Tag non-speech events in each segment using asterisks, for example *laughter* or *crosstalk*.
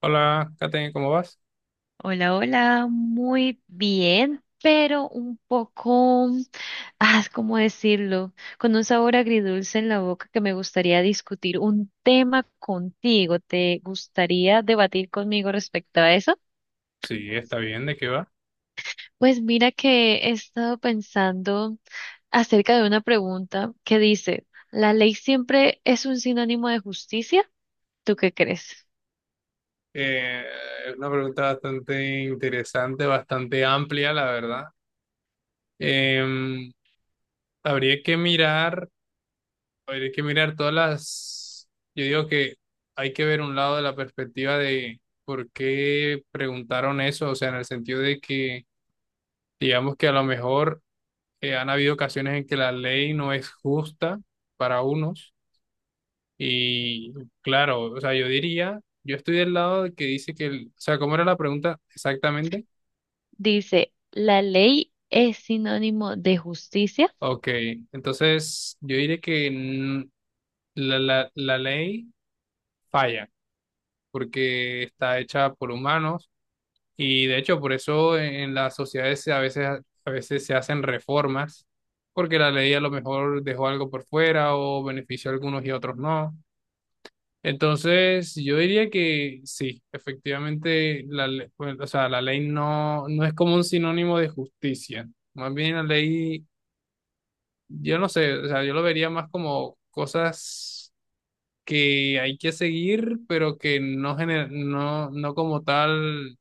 Hola, Kate, ¿cómo vas? Hola, hola, muy bien, pero un poco, ¿cómo decirlo? Con un sabor agridulce en la boca que me gustaría discutir un tema contigo. ¿Te gustaría debatir conmigo respecto a eso? Sí, está bien, ¿de qué va? Pues mira que he estado pensando acerca de una pregunta que dice, ¿la ley siempre es un sinónimo de justicia? ¿Tú qué crees? Eh, es una pregunta bastante interesante, bastante amplia, la verdad. Em, Habría que mirar, habría que mirar Yo digo que hay que ver un lado de la perspectiva de por qué preguntaron eso, o sea, en el sentido de que, digamos que a lo mejor han habido ocasiones en que la ley no es justa para unos. Y claro, o sea, yo diría, yo estoy del lado de que dice que, o sea, ¿cómo era la pregunta exactamente? Dice, ¿la ley es sinónimo de justicia? Ok, entonces yo diré que la ley falla porque está hecha por humanos, y de hecho por eso en las sociedades a veces se hacen reformas porque la ley a lo mejor dejó algo por fuera o benefició a algunos y a otros no. Entonces, yo diría que sí, efectivamente, pues, o sea, la ley no, no es como un sinónimo de justicia. Más bien la ley, yo no sé, o sea, yo lo vería más como cosas que hay que seguir, pero que no, no, no como tal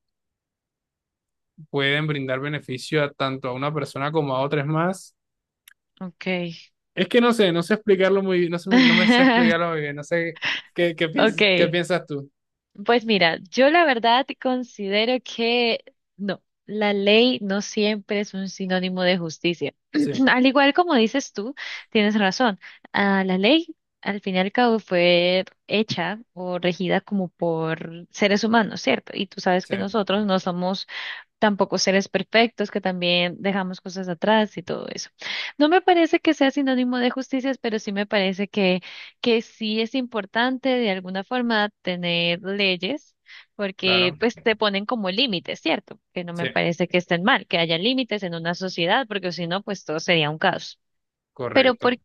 pueden brindar beneficio a tanto a una persona como a otras más. Ok. Es que no sé, no sé explicarlo muy bien, no sé, no me sé explicarlo *laughs* muy bien, no sé qué, qué Okay, piensas tú. pues mira, yo la verdad considero que no, la ley no siempre es un sinónimo de justicia. Sí, *clears throat* Al igual como dices tú, tienes razón. La ley, al fin y al cabo, fue hecha o regida como por seres humanos, ¿cierto? Y tú sabes sí, que nosotros no somos tampoco seres perfectos, que también dejamos cosas atrás y todo eso. No me parece que sea sinónimo de justicia, pero sí me parece que sí es importante de alguna forma tener leyes, porque claro, pues te ponen como límites, ¿cierto? Que no sí. me parece que estén mal, que haya límites en una sociedad, porque si no, pues todo sería un caos. Pero Correcto. ¿por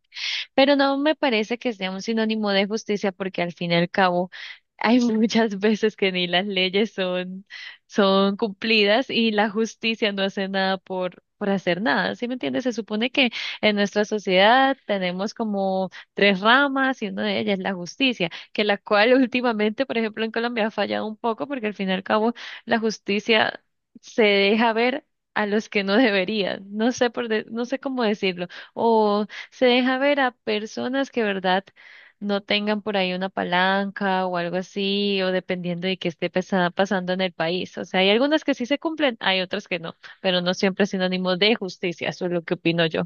pero no me parece que sea un sinónimo de justicia porque al fin y al cabo hay *laughs* muchas veces que ni las leyes son, son cumplidas y la justicia no hace nada por, por hacer nada. ¿Sí me entiendes? Se supone que en nuestra sociedad tenemos como tres ramas y una de ellas es la justicia, que la cual *laughs* últimamente, por ejemplo, en Colombia ha fallado un poco porque al fin y al cabo la justicia se deja ver a los que no deberían, no sé cómo decirlo, o se deja ver a personas que, verdad, no tengan por ahí una palanca o algo así, o dependiendo de qué pasando en el país. O sea, hay algunas que sí se cumplen, hay otras que no, pero no siempre es sinónimo de justicia, eso es lo que opino yo.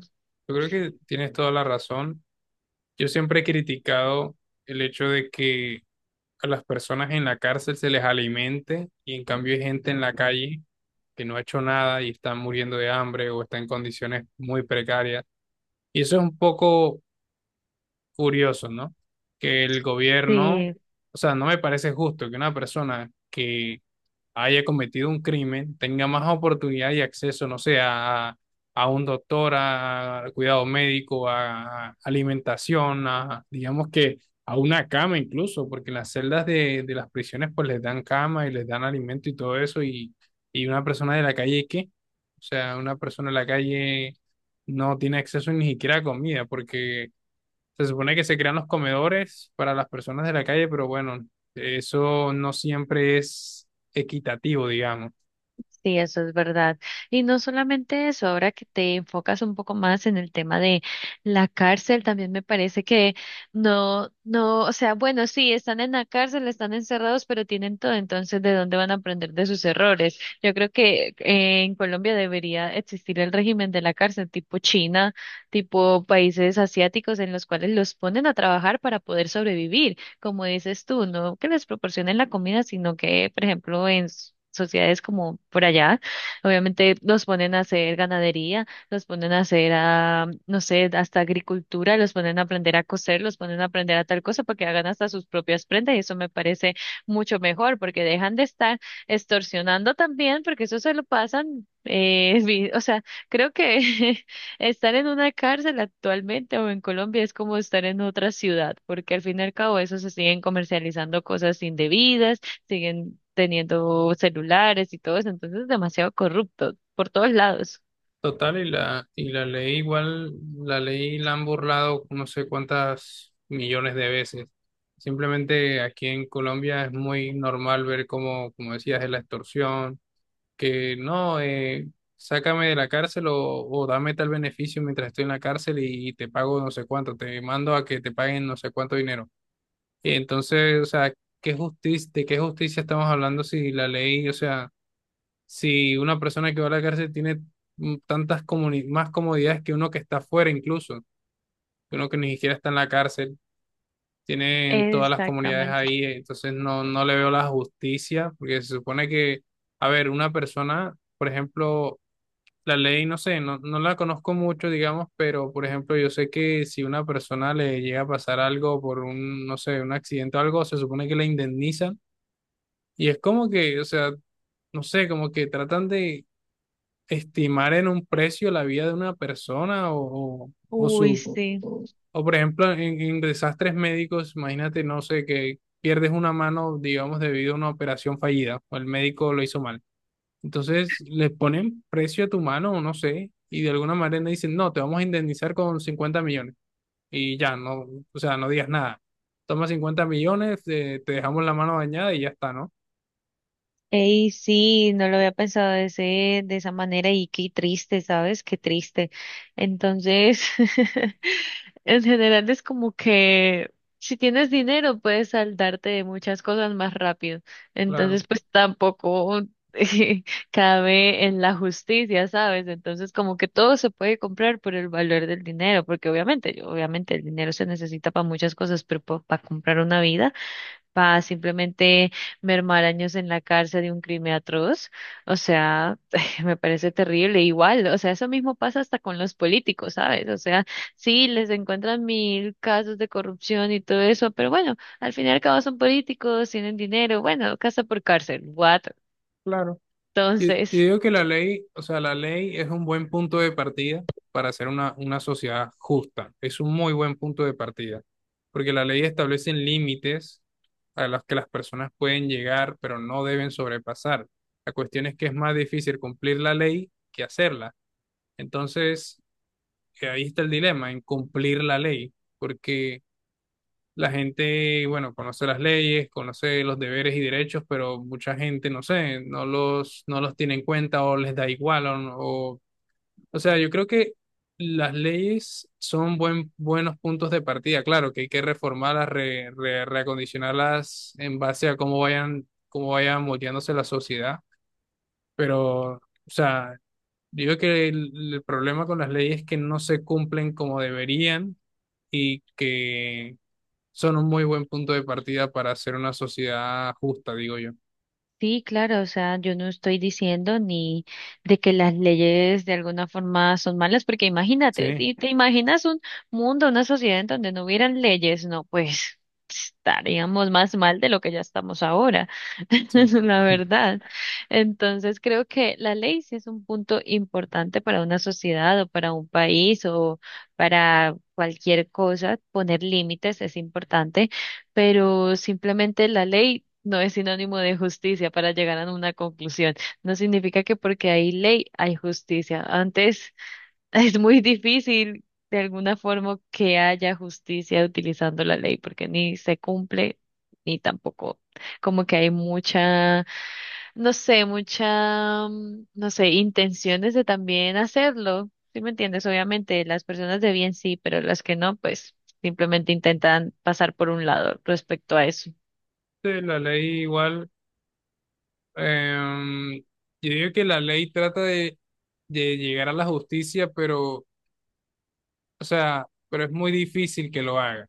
Yo creo que tienes toda la razón. Yo siempre he criticado el hecho de que a las personas en la cárcel se les alimente y en cambio hay gente en la calle que no ha hecho nada y está muriendo de hambre o está en condiciones muy precarias. Y eso es un poco curioso, ¿no? Que el gobierno, Sí, o sea, no me parece justo que una persona que haya cometido un crimen tenga más oportunidad y acceso, no sé, a un doctor, a cuidado médico, a alimentación, a, digamos que a una cama incluso, porque en las celdas de las prisiones pues les dan cama y les dan alimento y todo eso, y una persona de la calle, ¿qué? O sea, una persona de la calle no tiene acceso ni siquiera a comida, porque se supone que se crean los comedores para las personas de la calle, pero bueno, eso no siempre es equitativo, digamos. Sí, eso es verdad. Y no solamente eso, ahora que te enfocas un poco más en el tema de la cárcel, también me parece que no, no, o sea, bueno, sí, están en la cárcel, están encerrados, pero tienen todo, entonces, ¿de dónde van a aprender de sus errores? Yo creo que en Colombia debería existir el régimen de la cárcel tipo China, tipo países asiáticos en los cuales los ponen a trabajar para poder sobrevivir como dices tú, no que les proporcionen la comida, sino que, por ejemplo, en sociedades como por allá, obviamente los ponen a hacer ganadería, los ponen a hacer, no sé, hasta agricultura, los ponen a aprender a coser, los ponen a aprender a tal cosa para que hagan hasta sus propias prendas y eso me parece mucho mejor porque dejan de estar extorsionando también porque eso se lo pasan, *laughs* o sea, creo que *laughs* estar en una cárcel actualmente o en Colombia es como estar en otra ciudad, porque al fin y al cabo eso se siguen comercializando cosas indebidas, siguen teniendo celulares y todo eso, entonces es demasiado corrupto por todos lados. Total, y la ley igual, la ley la han burlado no sé cuántas millones de veces. Simplemente aquí en Colombia es muy normal ver como, como decías, es la extorsión, que no, sácame de la cárcel o dame tal beneficio mientras estoy en la cárcel y te pago no sé cuánto, te mando a que te paguen no sé cuánto dinero. Y entonces, o sea, ¿qué justicia, de qué justicia estamos hablando si la ley, o sea, si una persona que va a la cárcel tiene más comodidades que uno que está fuera incluso, que uno que ni siquiera está en la cárcel, tienen todas las comunidades Exactamente. ahí, entonces no, no le veo la justicia, porque se supone que, a ver, una persona, por ejemplo, la ley, no sé, no, no la conozco mucho, digamos, pero por ejemplo, yo sé que si una persona le llega a pasar algo por un, no sé, un accidente o algo, se supone que la indemnizan. Y es como que, o sea, no sé, como que tratan de estimar en un precio la vida de una persona o Uy, su, sí. o por ejemplo, en desastres médicos, imagínate, no sé, que pierdes una mano, digamos, debido a una operación fallida o el médico lo hizo mal. Entonces le ponen precio a tu mano, o no sé, y de alguna manera dicen, no, te vamos a indemnizar con 50 millones. Y ya, no, o sea, no digas nada. Toma 50 millones, te dejamos la mano dañada y ya está, ¿no? Ey, sí, no lo había pensado de ese, de esa manera y qué triste, ¿sabes? Qué triste. Entonces, *laughs* en general es como que si tienes dinero puedes saldarte de muchas cosas más rápido. Claro, Entonces, pues tampoco *laughs* cabe en la justicia, ¿sabes? Entonces, como que todo se puede comprar por el valor del dinero, porque obviamente, obviamente el dinero se necesita para muchas cosas, pero para comprar una vida, para simplemente mermar años en la cárcel de un crimen atroz. O sea, *laughs* me parece terrible. Igual, o sea, eso mismo pasa hasta con los políticos, ¿sabes? O sea, sí, les encuentran mil casos de corrupción y todo eso, pero bueno, al fin y al cabo son políticos, tienen dinero, bueno, casa por cárcel, what? *laughs* claro. Yo Entonces. digo que la ley, o sea, la ley es un buen punto de partida para hacer una sociedad justa. Es un muy buen punto de partida, porque la ley establece límites a los que las personas pueden llegar, pero no deben sobrepasar. La cuestión es que es más difícil cumplir la ley que hacerla. Entonces, ahí está el dilema en cumplir la ley, porque la gente, bueno, conoce las leyes, conoce los deberes y derechos, pero mucha gente, no sé, no los, no los tiene en cuenta o les da igual. O, no- o sea, yo creo que las leyes son buenos puntos de partida. Claro que hay que reformarlas, reacondicionarlas en base a cómo vayan moldeándose la sociedad. Pero, o sea, digo que el problema con las leyes es que no se cumplen como deberían y que son un muy buen punto de partida para hacer una sociedad justa, digo yo. Sí, claro, o sea, yo no estoy diciendo ni de que las leyes de alguna forma son malas, porque imagínate, Sí, si te imaginas un mundo, una sociedad en donde no hubieran leyes, no, pues estaríamos más mal de lo que ya estamos ahora, *laughs* sí. la *laughs* verdad. Entonces, creo que la ley sí es un punto importante para una sociedad o para un país o para cualquier cosa, poner límites es importante, pero simplemente la ley no es sinónimo de justicia para llegar a una conclusión. No significa que porque hay ley hay justicia. Antes *laughs* es muy difícil de alguna forma que haya justicia utilizando la ley porque ni se cumple ni tampoco como que hay mucha, no sé, mucha, no sé, intenciones de también hacerlo. ¿Sí me entiendes? Obviamente, las personas de bien sí, pero las que no, pues simplemente intentan pasar por un lado respecto a eso. Sí, la ley igual, yo digo que la ley trata de llegar a la justicia, pero, o sea, pero es muy difícil que lo haga. O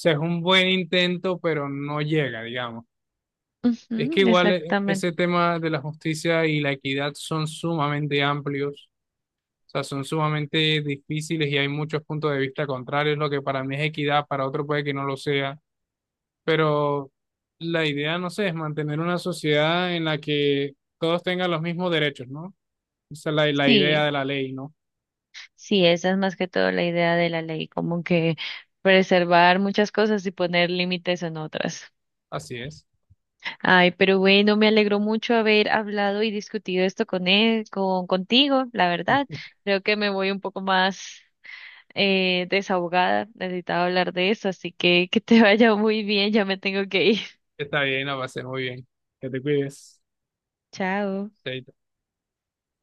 sea, es un buen intento, pero no llega, digamos. Es que Ujú, igual exactamente. ese tema de la justicia y la equidad son sumamente amplios, o sea, son sumamente difíciles y hay muchos puntos de vista contrarios. Lo que para mí es equidad, para otro puede que no lo sea. Pero la idea, no sé, es mantener una sociedad en la que todos tengan los mismos derechos, ¿no? Esa es la, la idea Sí, de la ley, ¿no? sí, esa es más que todo la idea de la ley, como que preservar muchas cosas y poner límites en otras. Así es. Ay, pero bueno, me alegró mucho haber hablado y discutido esto con contigo, la verdad. Creo que me voy un poco más desahogada, necesitaba hablar de eso, así que te *laughs* vaya muy bien, ya me tengo que ir. *laughs* Está bien, la va a ser muy bien. Que te cuides. Chao. Chaito.